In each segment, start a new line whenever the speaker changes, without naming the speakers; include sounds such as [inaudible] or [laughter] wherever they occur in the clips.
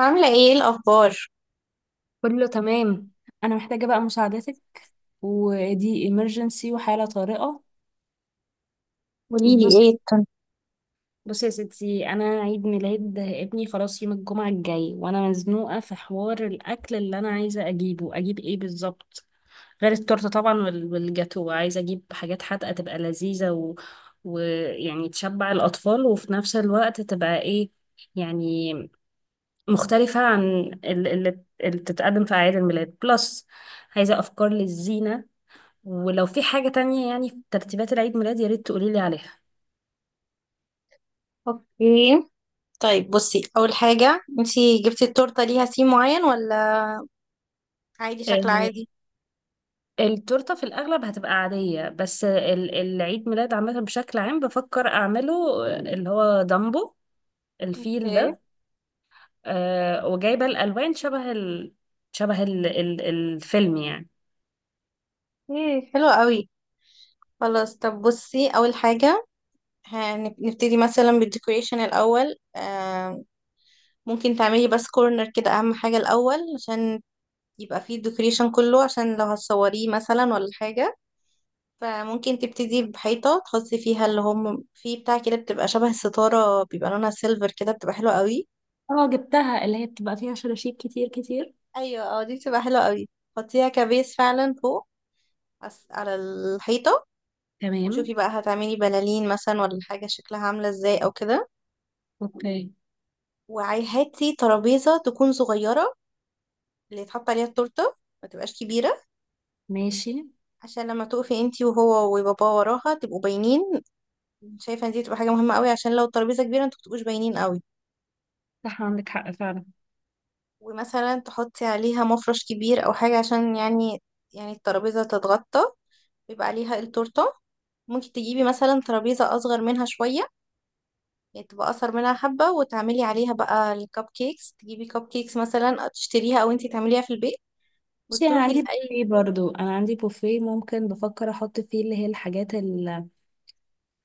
عاملة ايه الأخبار؟
كله تمام. انا محتاجة بقى مساعدتك، ودي emergency وحالة طارئة.
قوليلي
بص
ايه التن.
بص يا ستي، انا عيد ميلاد ابني خلاص يوم الجمعة الجاي، وانا مزنوقة في حوار الاكل اللي انا عايزة اجيب ايه بالظبط، غير التورتة طبعا، والجاتو. عايزة اجيب حاجات حادقة تبقى لذيذة ويعني تشبع الاطفال، وفي نفس الوقت تبقى ايه يعني، مختلفة عن اللي بتتقدم في اعياد الميلاد بلس. عايزة افكار للزينة، ولو في حاجة تانية يعني في ترتيبات العيد ميلاد يا ريت تقولي لي عليها.
اوكي، طيب بصي أول حاجة، انتي جبتي التورتة ليها سيم معين ولا عادي، شكل
آه،
عادي؟
التورتة في الأغلب هتبقى عادية، بس العيد ميلاد عامة بشكل عام بفكر أعمله، اللي هو دامبو، الفيل
اوكي.
ده. وجايبة الألوان شبه الفيلم يعني.
ايه، حلو قوي. خلاص، طب بصي أول حاجة، هنبتدي مثلا بالديكوريشن الأول. ممكن تعملي بس كورنر كده، أهم حاجة الأول عشان يبقى فيه الديكوريشن كله، عشان لو هتصوريه مثلا ولا حاجة. فممكن تبتدي بحيطة تحطي فيها اللي هم في بتاع كده، بتبقى شبه الستارة، بيبقى لونها سيلفر كده، بتبقى حلوة قوي.
اه، جبتها، اللي هي بتبقى فيها شراشيب كتير كتير.
ايوه اه، دي بتبقى حلوة قوي. حطيها كبيس فعلا فوق، على الحيطة.
تمام.
وشوفي بقى هتعملي بلالين مثلا ولا حاجة، شكلها عاملة ازاي او كده.
اوكي.
وهاتي ترابيزة تكون صغيرة، اللي يتحط عليها التورتة، ما تبقاش كبيرة،
ماشي.
عشان لما تقفي انتي وهو وبابا وراها تبقوا باينين. شايفة ان دي تبقى حاجة مهمة قوي، عشان لو الترابيزة كبيرة انتوا متبقوش باينين قوي.
صح، عندك حق فعلا.
ومثلا تحطي عليها مفرش كبير او حاجة، عشان يعني يعني الترابيزة تتغطى، بيبقى عليها التورتة. ممكن تجيبي مثلا ترابيزة اصغر منها شوية، يعني تبقى اصغر منها حبة، وتعملي عليها بقى الكب كيكس، تجيبي كب كيكس مثلا تشتريها او انتي تعمليها في البيت،
بصي، انا
وتروحي
عندي
لأي.
بوفيه برضو انا عندي بوفيه ممكن، بفكر احط فيه اللي هي الحاجات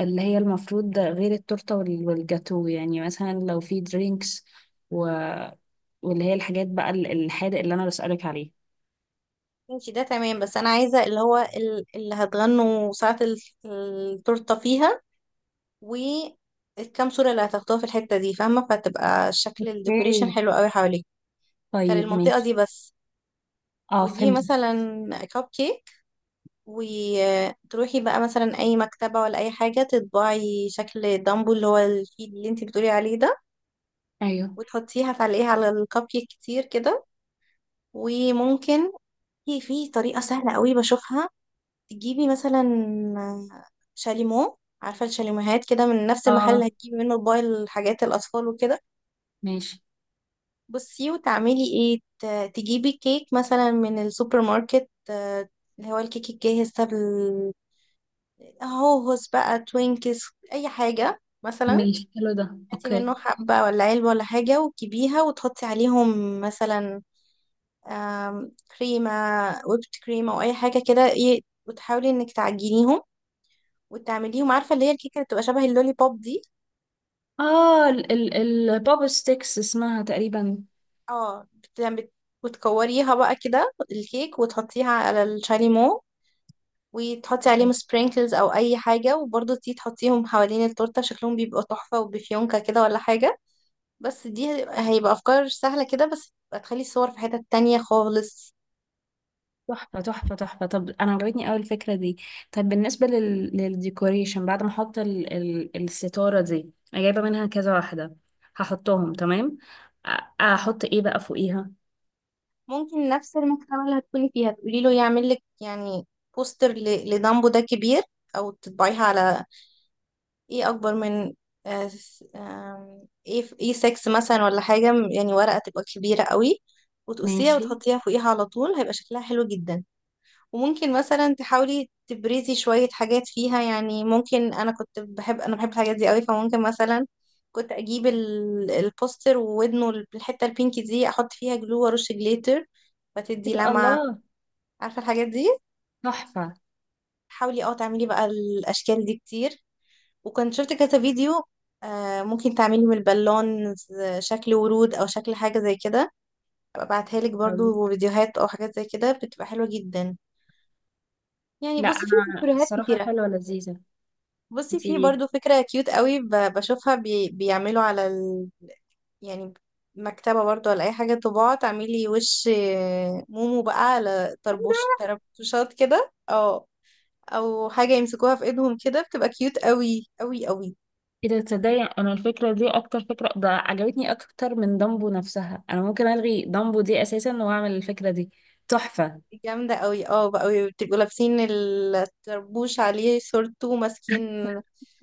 اللي هي المفروض، ده غير التورتة والجاتو، يعني مثلا لو في درينكس و... واللي هي الحاجات بقى الحادق اللي أنا بسألك عليه.
انتي ده تمام، بس انا عايزة اللي هو اللي هتغنوا ساعة التورتة فيها، والكام صورة اللي هتاخدوها في الحتة دي فاهمة، فتبقى شكل الديكوريشن
اوكي
حلو قوي حواليك. كان
طيب
المنطقة
ماشي.
دي بس.
اه
وتجيبي
فهمت.
مثلا كب كيك، وتروحي بقى مثلا اي مكتبة ولا اي حاجة تطبعي شكل دامبو، اللي هو الفيل اللي انتي بتقولي عليه ده.
ايوه
وتحطيها تعلقيها على الكب كيك كتير كده. وممكن في طريقة سهلة قوي بشوفها، تجيبي مثلا شاليمو، عارفة الشاليموهات كده، من نفس المحل اللي
اه
هتجيبي منه باقي الحاجات الأطفال وكده.
ماشي.
بصي وتعملي ايه، تجيبي كيك مثلا من السوبر ماركت، اللي هو الكيك الجاهز ده، هوهوس بقى، توينكس، اي حاجة مثلا.
ماشي حلو ده،
هاتي
اوكي.
منه حبة ولا علبة ولا حاجة، وتجيبيها وتحطي عليهم مثلا آم، كريمة ويبت كريم او اي حاجة كده، ايه، وتحاولي انك تعجنيهم وتعمليهم، عارفة اللي هي الكيكة اللي بتبقى شبه اللولي بوب دي.
اه ال ال البوب ستيكس اسمها تقريبا.
اه بت... بت... وتكوريها بقى كده الكيك، وتحطيها على الشاليمو، وتحطي عليهم سبرينكلز او اي حاجة، وبرضه تيجي تحطيهم حوالين التورتة، شكلهم بيبقى تحفة، وبفيونكة كده ولا حاجة. بس دي هيبقى افكار سهله كده، بس هتخلي الصور في حتت تانية خالص.
تحفة تحفة تحفة، طب أنا عجبتني أوي الفكرة دي. طب بالنسبة للديكوريشن، بعد ما أحط الستارة دي، أنا جايبة منها كذا واحدة، هحطهم تمام. أ- أحط إيه بقى فوقيها؟
ممكن نفس المكتبه اللي هتكوني فيها تقولي له يعمل لك يعني بوستر لدامبو ده كبير، او تطبعيها على ايه اكبر من، آه، س- آم، ايه، ايه 6 مثلا ولا حاجه، يعني ورقه تبقى كبيره قوي، وتقصيها
ماشي
وتحطيها فوقيها على طول، هيبقى شكلها حلو جدا. وممكن مثلا تحاولي تبرزي شوية حاجات فيها، يعني ممكن، أنا بحب الحاجات دي قوي، فممكن مثلا كنت أجيب البوستر، وودنه الحتة البينك دي أحط فيها جلو وأرش جليتر، فتدي
كده
لمعة،
الله،
عارفة الحاجات دي.
تحفة
حاولي اه تعملي بقى الأشكال دي كتير. وكنت شفت كذا فيديو، آه ممكن تعملي من البالون شكل ورود أو شكل حاجة زي كده، أبقى أبعتها لك
أوي.
برضو فيديوهات أو حاجات زي كده، بتبقى حلوة جدا. يعني
لا
بصي في
أنا
فيديوهات
الصراحة
كتير.
حلوة لذيذة،
بصي في
انتي.
برضو فكرة كيوت قوي، بشوفها، بي بيعملوا على ال... يعني مكتبة برضو ولا أي حاجة طباعة، تعملي وش مومو بقى على طربوش، طربوشات كده اه، أو حاجة يمسكوها في ايدهم كده، بتبقى كيوت قوي قوي قوي.
إذا تصدقي، أنا الفكرة دي أكتر فكرة ده عجبتني أكتر من دامبو نفسها. أنا ممكن ألغي دامبو دي أساسا وأعمل الفكرة دي. تحفة.
جامدة قوي، اه بقى قوي، بتبقوا لابسين الطربوش عليه صورته، ماسكين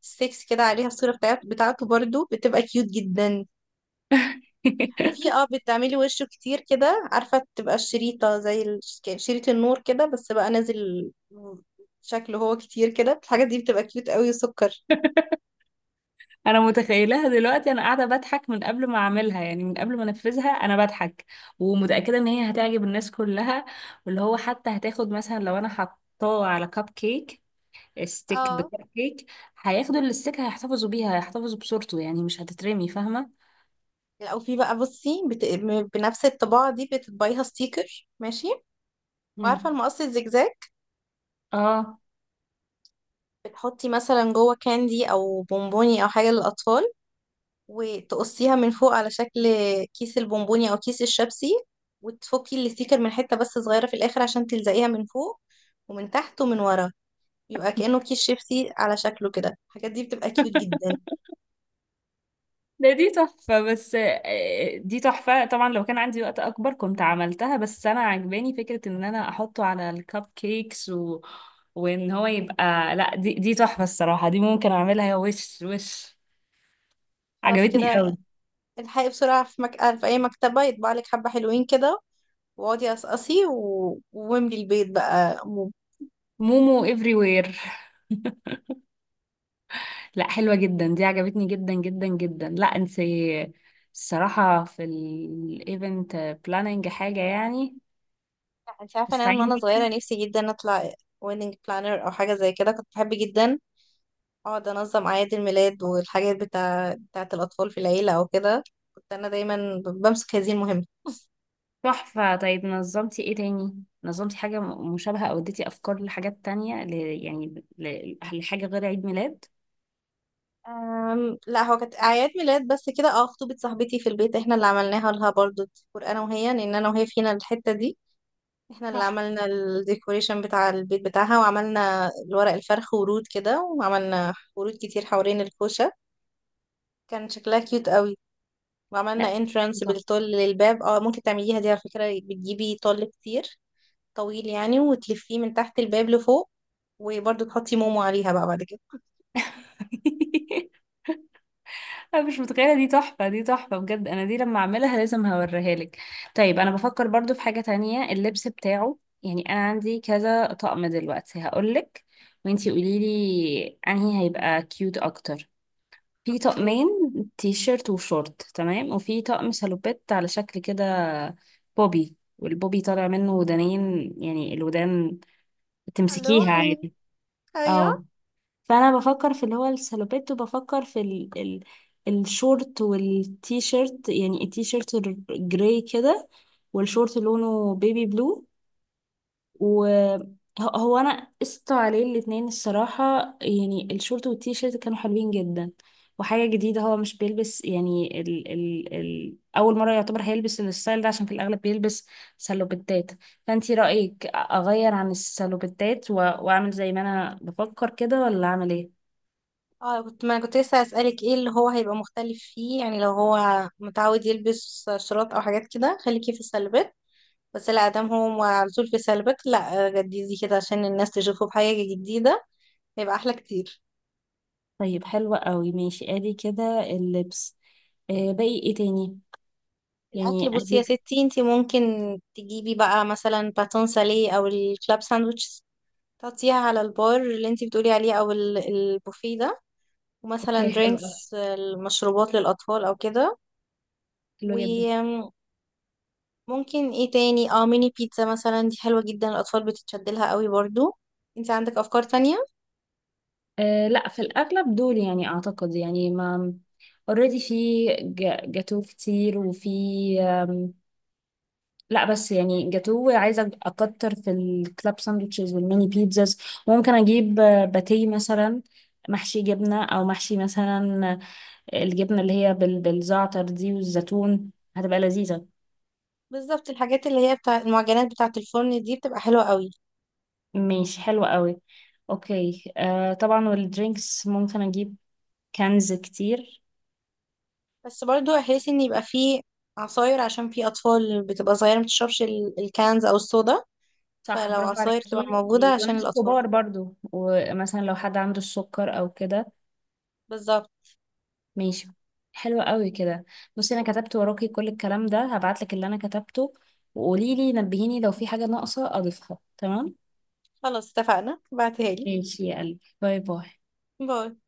ستيكس كده عليها الصورة بتاعته، برضو بتبقى كيوت جدا. وفي
[laughs]
اه بتعملي وشه كتير كده، عارفة تبقى الشريطة زي شريط النور كده، بس بقى نازل شكله هو كتير كده، الحاجة دي بتبقى كيوت قوي وسكر.
انا متخيلها دلوقتي، انا قاعده بضحك من قبل ما اعملها، يعني من قبل ما انفذها انا بضحك. ومتاكده ان هي هتعجب الناس كلها، واللي هو حتى هتاخد مثلا لو انا حطاه على كب كيك، ستيك
اه،
بكب كيك، هياخدوا الستيك، هيحتفظوا بيها، هيحتفظوا بصورته، يعني مش هتترمي، فاهمه.
او في بقى بصي بنفس الطباعة دي بتطبعيها ستيكر، ماشي، وعارفة
مم.
المقص الزجزاج،
اه.
بتحطي مثلا جوه كاندي او بونبوني او حاجة للأطفال، وتقصيها من فوق على شكل كيس البونبوني او كيس الشبسي، وتفكي الستيكر من حتة بس صغيرة في الآخر عشان تلزقيها من فوق ومن تحت ومن ورا، يبقى كأنه كيس شيبسي على شكله كده، الحاجات دي بتبقى كيوت
[laughs]
جدا.
دي تحفة، بس دي تحفة طبعا. لو كان عندي وقت أكبر كنت عملتها، بس أنا عجباني فكرة إن أنا أحطه على الكب كيكس وإن هو يبقى، لا، دي تحفة الصراحة. دي ممكن أعملها وش وش.
خلاص
عجبتني
كده،
قوي.
الحقي بسرعة في في أي مكتبة يطبع لك حبة حلوين كده، واقعدي قصقصي و... واملي البيت بقى موب.
مومو everywhere. [laughs] لا حلوة جدا، دي عجبتني جدا جدا جدا. لا انت الصراحة في الايفنت بلاننج حاجة يعني،
لا، انت عارفة إن أنا من
استعين
وأنا
بيكي.
صغيرة نفسي جدا أطلع ويدنج بلانر أو حاجة زي كده، كنت بحب جدا أقعد أنظم أعياد الميلاد والحاجات بتاعة الأطفال في العيلة أو كده، كنت أنا دايما بمسك هذه المهمة.
تحفة. طيب نظمتي ايه تاني؟ نظمتي حاجة مشابهة، او اديتي افكار لحاجات تانية لحاجة غير عيد ميلاد؟
لا، هو كانت اعياد ميلاد بس كده، اه خطوبة صاحبتي في البيت احنا اللي عملناها لها برضو، ديكور انا وهي، لان انا وهي فينا الحتة دي، احنا اللي
تحفة.
عملنا الديكوريشن بتاع البيت بتاعها، وعملنا الورق الفرخ ورود كده، وعملنا ورود كتير حوالين الكوشة. كان شكلها كيوت قوي.
لا
وعملنا
دي
انترانس
تحفة.
بالطول للباب، اه ممكن تعمليها دي على فكرة، بتجيبي طول كتير طويل يعني، وتلفيه من تحت الباب لفوق، وبرضو تحطي مومو عليها بقى بعد كده. [laughs]
[laughs] انا مش متخيلة، دي تحفة، دي تحفة بجد. انا دي لما اعملها لازم هوريها لك. طيب انا بفكر برضو في حاجة تانية، اللبس بتاعه. يعني انا عندي كذا طقم دلوقتي هقولك، وانتي قوليلي انهي هيبقى كيوت اكتر. في
اوكي.
طقمين تي شيرت وشورت تمام، وفي طقم شالوبات على شكل كده بوبي، والبوبي طالع منه ودانين، يعني الودان
الو،
تمسكيها عادي. اه،
ايوه
فانا بفكر في اللي هو الشالوبات، وبفكر في ال ال الشورت والتي شيرت. يعني التي شيرت الجراي كده، والشورت لونه بيبي بلو، وهو انا قست عليه الاتنين الصراحة. يعني الشورت والتيشيرت كانوا حلوين جدا، وحاجة جديدة هو مش بيلبس، يعني ال ال ال أول مرة يعتبر هيلبس الستايل ده، عشان في الأغلب بيلبس سلوبتات. فأنتي رأيك أغير عن السلوبتات و- وأعمل زي ما أنا بفكر كده، ولا أعمل إيه؟
اه، كنت ما كنت لسه هسألك ايه اللي هو هيبقى مختلف فيه، يعني لو هو متعود يلبس شراط او حاجات كده، خليكي في السلبات. بس لا، دام هو على طول في سلبات، لا جديدي كده عشان الناس تشوفه بحاجة جديدة، هيبقى احلى كتير.
طيب حلوة قوي، ماشي، أدي كده اللبس. باقي إيه تاني؟
الاكل،
يعني
بصي
أدي.
يا ستي انتي، ممكن تجيبي بقى مثلا باتون ساليه او الكلاب ساندويتش، تحطيها على البار اللي انتي بتقولي عليه او البوفيه ده، ومثلا
أوكي حلوة.
درينكس، المشروبات للاطفال او كده.
حلوة جدا.
ممكن ايه تاني، اه ميني بيتزا مثلا، دي حلوة جدا، الأطفال بتتشد لها قوي برضو. انت عندك أفكار تانية.
لا، في الأغلب دول يعني، أعتقد يعني، ما اوريدي في جاتو كتير، وفي أم، لا بس يعني جاتو عايزة أكتر في الكلاب ساندوتشز والميني بيتزاز. ممكن أجيب باتيه مثلا، محشي جبنة أو محشي مثلا الجبنة اللي هي بالزعتر دي والزيتون، هتبقى لذيذة.
بالظبط، الحاجات اللي هي بتاع المعجنات بتاعة الفرن دي بتبقى حلوة قوي.
ماشي حلوة قوي. أوكي، طبعا، والدرينكس ممكن أجيب كنز كتير.
بس برضو احس ان يبقى فيه عصاير، عشان في أطفال بتبقى صغيرة متشربش الكانز أو الصودا،
صح،
فلو
برافو
عصاير تبقى
عليكي،
موجودة عشان
وناس
الأطفال.
كبار برضو، ومثلا لو حد عنده السكر او كده.
بالظبط.
ماشي. حلو قوي كده. بصي انا كتبت وراكي كل الكلام ده، هبعتلك اللي انا كتبته، وقولي لي، نبهيني لو في حاجة ناقصة اضيفها، تمام؟
خلاص اتفقنا، بعتها لي.
ماشي يا قلبي، باي باي.
باي.